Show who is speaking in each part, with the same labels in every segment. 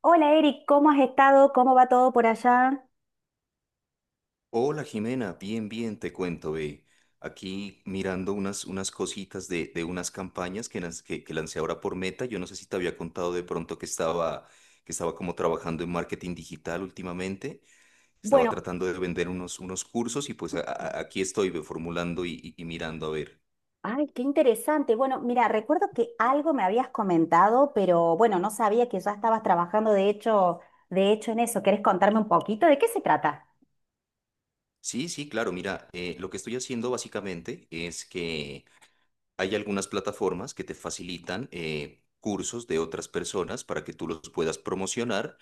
Speaker 1: Hola Eric, ¿cómo has estado? ¿Cómo va todo por allá?
Speaker 2: Hola Jimena, bien, bien, te cuento, ve. Aquí mirando unas cositas de unas campañas que lancé ahora por Meta. Yo no sé si te había contado de pronto que estaba como trabajando en marketing digital últimamente. Estaba
Speaker 1: Bueno,
Speaker 2: tratando de vender unos cursos y pues aquí estoy ve, formulando y mirando a ver.
Speaker 1: ay, qué interesante. Bueno, mira, recuerdo que algo me habías comentado, pero bueno, no sabía que ya estabas trabajando de hecho en eso. ¿Querés contarme un poquito de qué se trata?
Speaker 2: Sí, sí, claro, mira, lo que estoy haciendo básicamente es que hay algunas plataformas que te facilitan cursos de otras personas para que tú los puedas promocionar,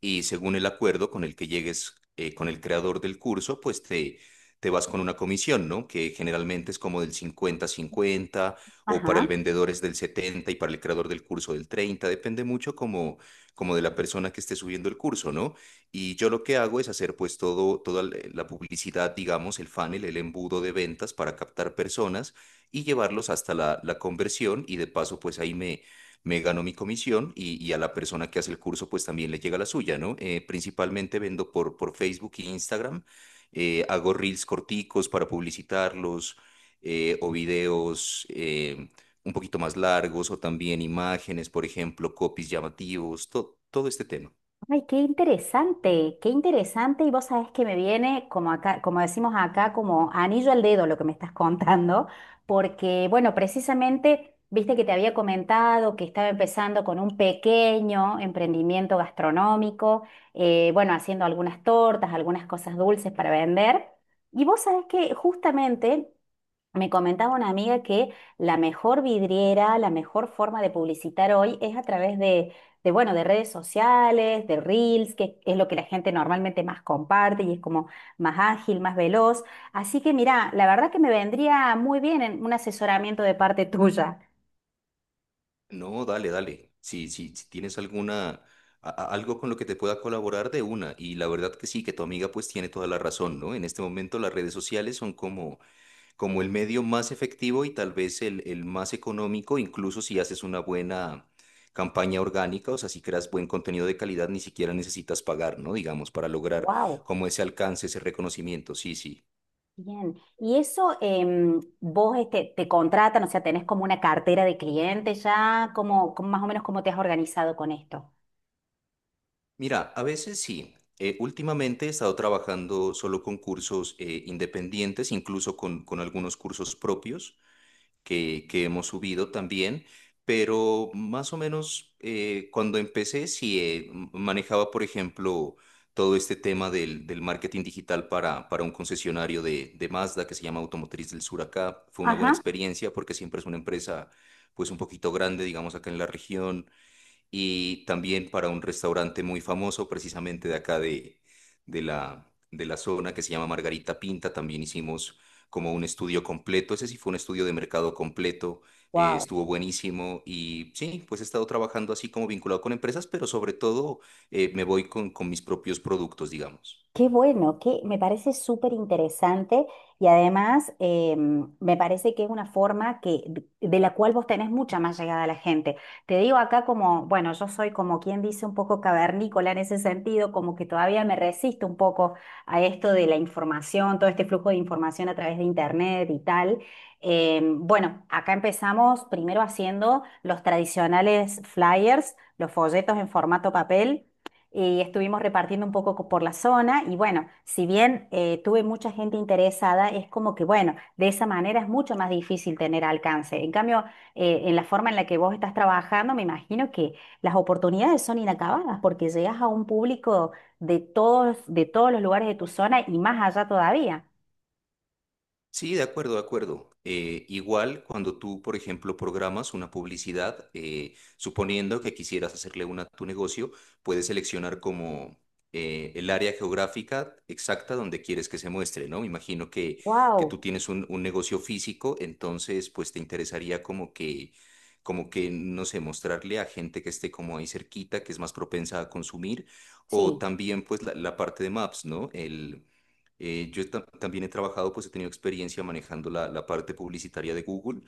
Speaker 2: y según el acuerdo con el que llegues con el creador del curso, pues te vas con una comisión, ¿no? Que generalmente es como del 50 cincuenta, o para el
Speaker 1: Ajá.
Speaker 2: vendedor es del 70 y para el creador del curso del treinta, depende mucho como de la persona que esté subiendo el curso, ¿no? Y yo lo que hago es hacer pues todo, toda la publicidad, digamos, el funnel, el embudo de ventas para captar personas y llevarlos hasta la conversión, y de paso pues ahí me gano mi comisión, y a la persona que hace el curso pues también le llega la suya, ¿no? Principalmente vendo por Facebook e Instagram, hago reels corticos para publicitarlos o videos un poquito más largos, o también imágenes, por ejemplo, copies llamativos, todo este tema.
Speaker 1: Ay, qué interesante, qué interesante. Y vos sabés que me viene, como acá, como decimos acá, como anillo al dedo lo que me estás contando, porque, bueno, precisamente, viste que te había comentado que estaba empezando con un pequeño emprendimiento gastronómico, bueno, haciendo algunas tortas, algunas cosas dulces para vender. Y vos sabés que justamente me comentaba una amiga que la mejor vidriera, la mejor forma de publicitar hoy es a través de, bueno, de redes sociales, de reels, que es lo que la gente normalmente más comparte y es como más ágil, más veloz. Así que mira, la verdad que me vendría muy bien en un asesoramiento de parte tuya.
Speaker 2: No, dale, dale. Si, si, si tienes alguna, algo con lo que te pueda colaborar de una. Y la verdad que sí, que tu amiga pues tiene toda la razón, ¿no? En este momento las redes sociales son como el medio más efectivo, y tal vez el más económico, incluso si haces una buena campaña orgánica, o sea, si creas buen contenido de calidad, ni siquiera necesitas pagar, ¿no? Digamos, para lograr
Speaker 1: Wow,
Speaker 2: como ese alcance, ese reconocimiento. Sí, sí.
Speaker 1: bien. ¿Y eso vos este, te contratan, o sea, tenés como una cartera de clientes ya? ¿Cómo, más o menos cómo te has organizado con esto?
Speaker 2: Mira, a veces sí. Últimamente he estado trabajando solo con cursos independientes, incluso con algunos cursos propios que hemos subido también, pero más o menos cuando empecé sí manejaba, por ejemplo, todo este tema del marketing digital para un concesionario de Mazda, que se llama Automotriz del Sur acá. Fue una buena
Speaker 1: Ajá.
Speaker 2: experiencia porque siempre es una empresa pues un poquito grande, digamos, acá en la región, y también para un restaurante muy famoso, precisamente de acá de la zona, que se llama Margarita Pinta. También hicimos como un estudio completo. Ese sí fue un estudio de mercado completo. eh,
Speaker 1: Wow.
Speaker 2: estuvo buenísimo y sí, pues he estado trabajando así como vinculado con empresas, pero sobre todo me voy con mis propios productos, digamos.
Speaker 1: Qué bueno, que me parece súper interesante y además me parece que es una forma que, de la cual vos tenés mucha más llegada a la gente. Te digo acá como, bueno, yo soy como quien dice un poco cavernícola en ese sentido, como que todavía me resisto un poco a esto de la información, todo este flujo de información a través de internet y tal. Bueno, acá empezamos primero haciendo los tradicionales flyers, los folletos en formato papel y estuvimos repartiendo un poco por la zona y bueno, si bien tuve mucha gente interesada, es como que bueno, de esa manera es mucho más difícil tener alcance. En cambio, en la forma en la que vos estás trabajando, me imagino que las oportunidades son inacabadas porque llegas a un público de todos los lugares de tu zona y más allá todavía.
Speaker 2: Sí, de acuerdo, de acuerdo. Igual cuando tú, por ejemplo, programas una publicidad, suponiendo que quisieras hacerle una a tu negocio, puedes seleccionar como el área geográfica exacta donde quieres que se muestre, ¿no? Me imagino que tú
Speaker 1: Wow,
Speaker 2: tienes un negocio físico, entonces pues te interesaría como que, no sé, mostrarle a gente que esté como ahí cerquita, que es más propensa a consumir, o
Speaker 1: sí.
Speaker 2: también pues la parte de Maps, ¿no? Yo también he trabajado, pues he tenido experiencia manejando la parte publicitaria de Google,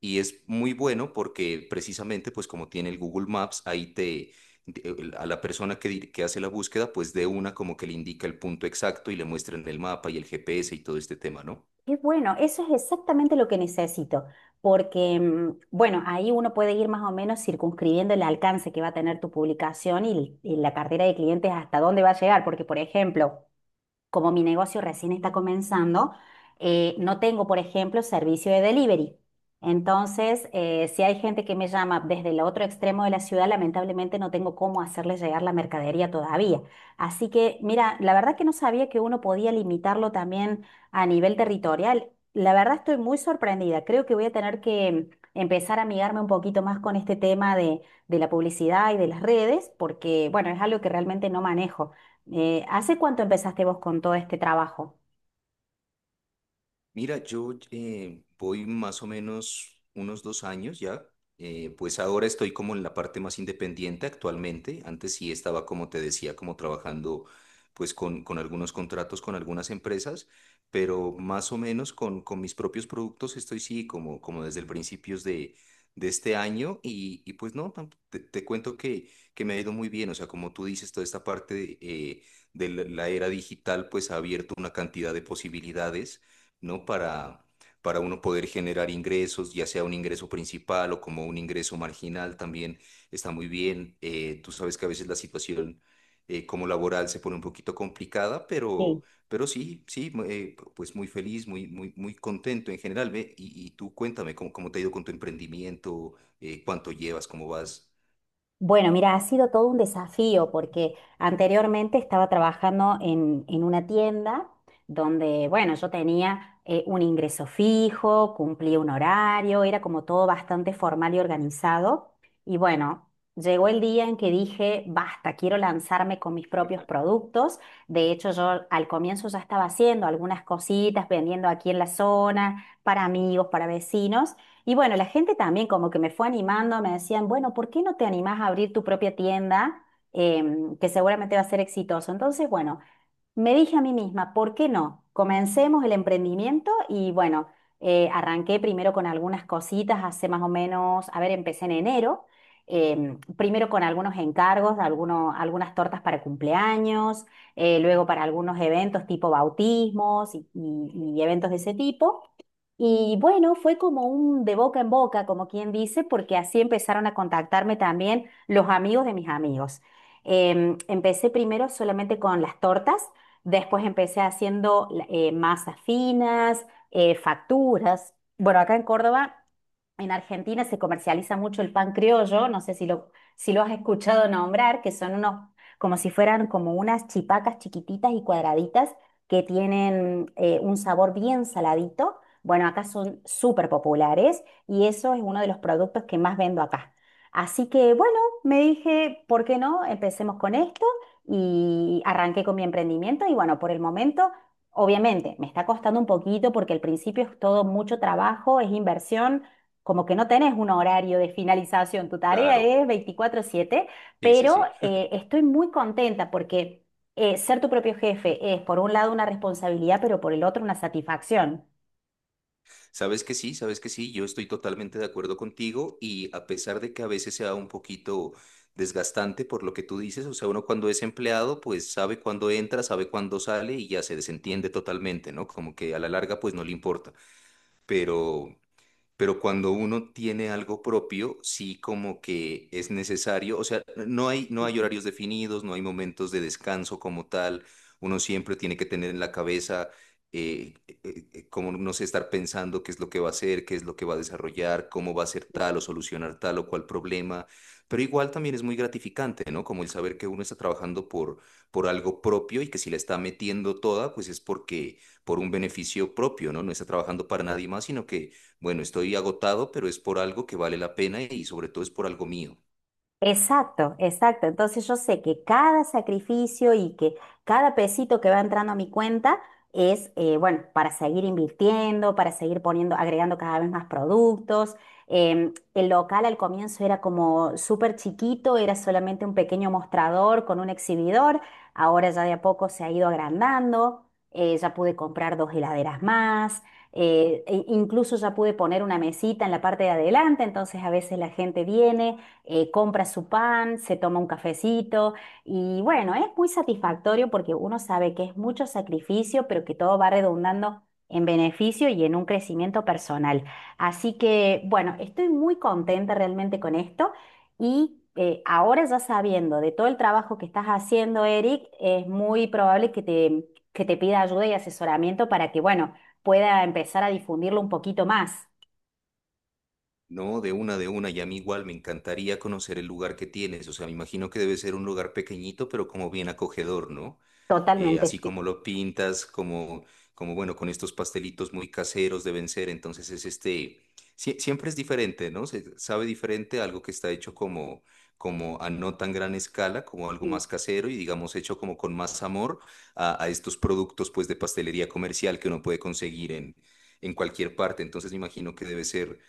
Speaker 2: y es muy bueno porque precisamente, pues como tiene el Google Maps, ahí a la persona que hace la búsqueda, pues de una como que le indica el punto exacto y le muestra en el mapa y el GPS y todo este tema, ¿no?
Speaker 1: Qué bueno, eso es exactamente lo que necesito, porque, mm, bueno, ahí uno puede ir más o menos circunscribiendo el alcance que va a tener tu publicación y la cartera de clientes hasta dónde va a llegar, porque, por ejemplo, como mi negocio recién está comenzando, no tengo, por ejemplo, servicio de delivery. Entonces, si hay gente que me llama desde el otro extremo de la ciudad, lamentablemente no tengo cómo hacerle llegar la mercadería todavía. Así que, mira, la verdad que no sabía que uno podía limitarlo también a nivel territorial. La verdad estoy muy sorprendida. Creo que voy a tener que empezar a amigarme un poquito más con este tema de la publicidad y de las redes, porque, bueno, es algo que realmente no manejo. ¿Hace cuánto empezaste vos con todo este trabajo?
Speaker 2: Mira, yo voy más o menos unos 2 años ya, pues ahora estoy como en la parte más independiente actualmente. Antes sí estaba, como te decía, como trabajando pues con algunos contratos con algunas empresas, pero más o menos con mis propios productos estoy sí como desde el principios de este año, y pues no, te cuento que me ha ido muy bien. O sea, como tú dices, toda esta parte de la era digital pues ha abierto una cantidad de posibilidades, ¿no? Para uno poder generar ingresos, ya sea un ingreso principal o como un ingreso marginal, también está muy bien. Tú sabes que a veces la situación como laboral se pone un poquito complicada, pero,
Speaker 1: Sí.
Speaker 2: pero sí, sí, pues muy feliz, muy, muy, muy contento en general. Ve, y tú cuéntame cómo te ha ido con tu emprendimiento, cuánto llevas, cómo vas.
Speaker 1: Bueno, mira, ha sido todo un desafío porque anteriormente estaba trabajando en una tienda donde, bueno, yo tenía un ingreso fijo, cumplía un horario, era como todo bastante formal y organizado. Y bueno, llegó el día en que dije, basta, quiero lanzarme con mis propios productos. De hecho, yo al comienzo ya estaba haciendo algunas cositas, vendiendo aquí en la zona, para amigos, para vecinos. Y bueno, la gente también como que me fue animando, me decían, bueno, ¿por qué no te animás a abrir tu propia tienda que seguramente va a ser exitoso? Entonces, bueno, me dije a mí misma, ¿por qué no? Comencemos el emprendimiento y bueno, arranqué primero con algunas cositas, hace más o menos, a ver, empecé en enero, primero con algunos encargos, algunas tortas para cumpleaños, luego para algunos eventos tipo bautismos y y eventos de ese tipo. Y bueno, fue como un de boca en boca, como quien dice, porque así empezaron a contactarme también los amigos de mis amigos. Em, empecé primero solamente con las tortas, después empecé haciendo masas finas, facturas. Bueno, acá en Córdoba en Argentina se comercializa mucho el pan criollo, no sé si si lo has escuchado nombrar, que son unos, como si fueran como unas chipacas chiquititas y cuadraditas que tienen un sabor bien saladito. Bueno, acá son súper populares y eso es uno de los productos que más vendo acá. Así que bueno, me dije, ¿por qué no? Empecemos con esto y arranqué con mi emprendimiento y bueno, por el momento, obviamente, me está costando un poquito porque al principio es todo mucho trabajo, es inversión como que no tenés un horario de finalización, tu tarea
Speaker 2: Claro,
Speaker 1: es 24/7,
Speaker 2: sí, sí,
Speaker 1: pero
Speaker 2: sí.
Speaker 1: estoy muy contenta porque ser tu propio jefe es por un lado una responsabilidad, pero por el otro una satisfacción.
Speaker 2: Sabes que sí, sabes que sí, yo estoy totalmente de acuerdo contigo, y a pesar de que a veces sea un poquito desgastante por lo que tú dices, o sea, uno cuando es empleado, pues sabe cuándo entra, sabe cuándo sale y ya se desentiende totalmente, ¿no? Como que a la larga, pues no le importa. Pero pero cuando uno tiene algo propio, sí como que es necesario, o sea, no hay horarios definidos, no hay momentos de descanso como tal, uno siempre tiene que tener en la cabeza, como no sé, estar pensando qué es lo que va a hacer, qué es lo que va a desarrollar, cómo va a ser tal o solucionar tal o cual problema, pero igual también es muy gratificante, ¿no? Como el saber que uno está trabajando por algo propio, y que si la está metiendo toda, pues es porque, por un beneficio propio, ¿no? No está trabajando para nadie más, sino que bueno, estoy agotado, pero es por algo que vale la pena, y sobre todo es por algo mío.
Speaker 1: Exacto, exacto. Entonces yo sé que cada sacrificio y que cada pesito que va entrando a mi cuenta es, bueno, para seguir invirtiendo, para seguir poniendo, agregando cada vez más productos. Em, el local al comienzo era como súper chiquito, era solamente un pequeño mostrador con un exhibidor. Ahora ya de a poco se ha ido agrandando. Ya pude comprar 2 heladeras más. E incluso ya pude poner una mesita en la parte de adelante, entonces a veces la gente viene compra su pan, se toma un cafecito y bueno, es muy satisfactorio porque uno sabe que es mucho sacrificio, pero que todo va redundando en beneficio y en un crecimiento personal. Así que bueno, estoy muy contenta realmente con esto y... ahora ya sabiendo de todo el trabajo que estás haciendo, Eric, es muy probable que que te pida ayuda y asesoramiento para que, bueno, pueda empezar a difundirlo un poquito más.
Speaker 2: No, de una, y a mí igual me encantaría conocer el lugar que tienes. O sea, me imagino que debe ser un lugar pequeñito, pero como bien acogedor, ¿no?
Speaker 1: Totalmente.
Speaker 2: Así
Speaker 1: Sí,
Speaker 2: como lo pintas, como bueno, con estos pastelitos muy caseros deben ser, entonces es este, siempre es diferente, ¿no? Se sabe diferente algo que está hecho como a no tan gran escala, como algo
Speaker 1: sí.
Speaker 2: más casero y digamos hecho como con más amor a estos productos, pues de pastelería comercial que uno puede conseguir en cualquier parte, entonces me imagino que debe ser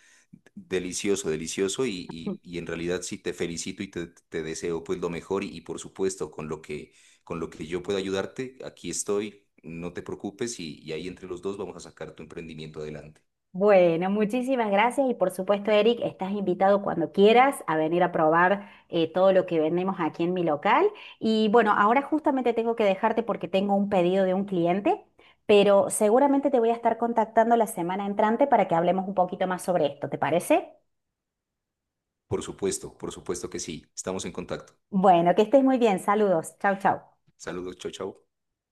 Speaker 2: delicioso, delicioso, y en realidad sí te felicito, y te deseo pues lo mejor, y por supuesto con lo que yo pueda ayudarte, aquí estoy, no te preocupes, y ahí entre los dos vamos a sacar tu emprendimiento adelante.
Speaker 1: Bueno, muchísimas gracias y por supuesto, Eric, estás invitado cuando quieras a venir a probar todo lo que vendemos aquí en mi local. Y bueno, ahora justamente tengo que dejarte porque tengo un pedido de un cliente, pero seguramente te voy a estar contactando la semana entrante para que hablemos un poquito más sobre esto, ¿te parece?
Speaker 2: Por supuesto que sí, estamos en contacto.
Speaker 1: Bueno, que estés muy bien, saludos, chau, chau.
Speaker 2: Saludos, chao, chao.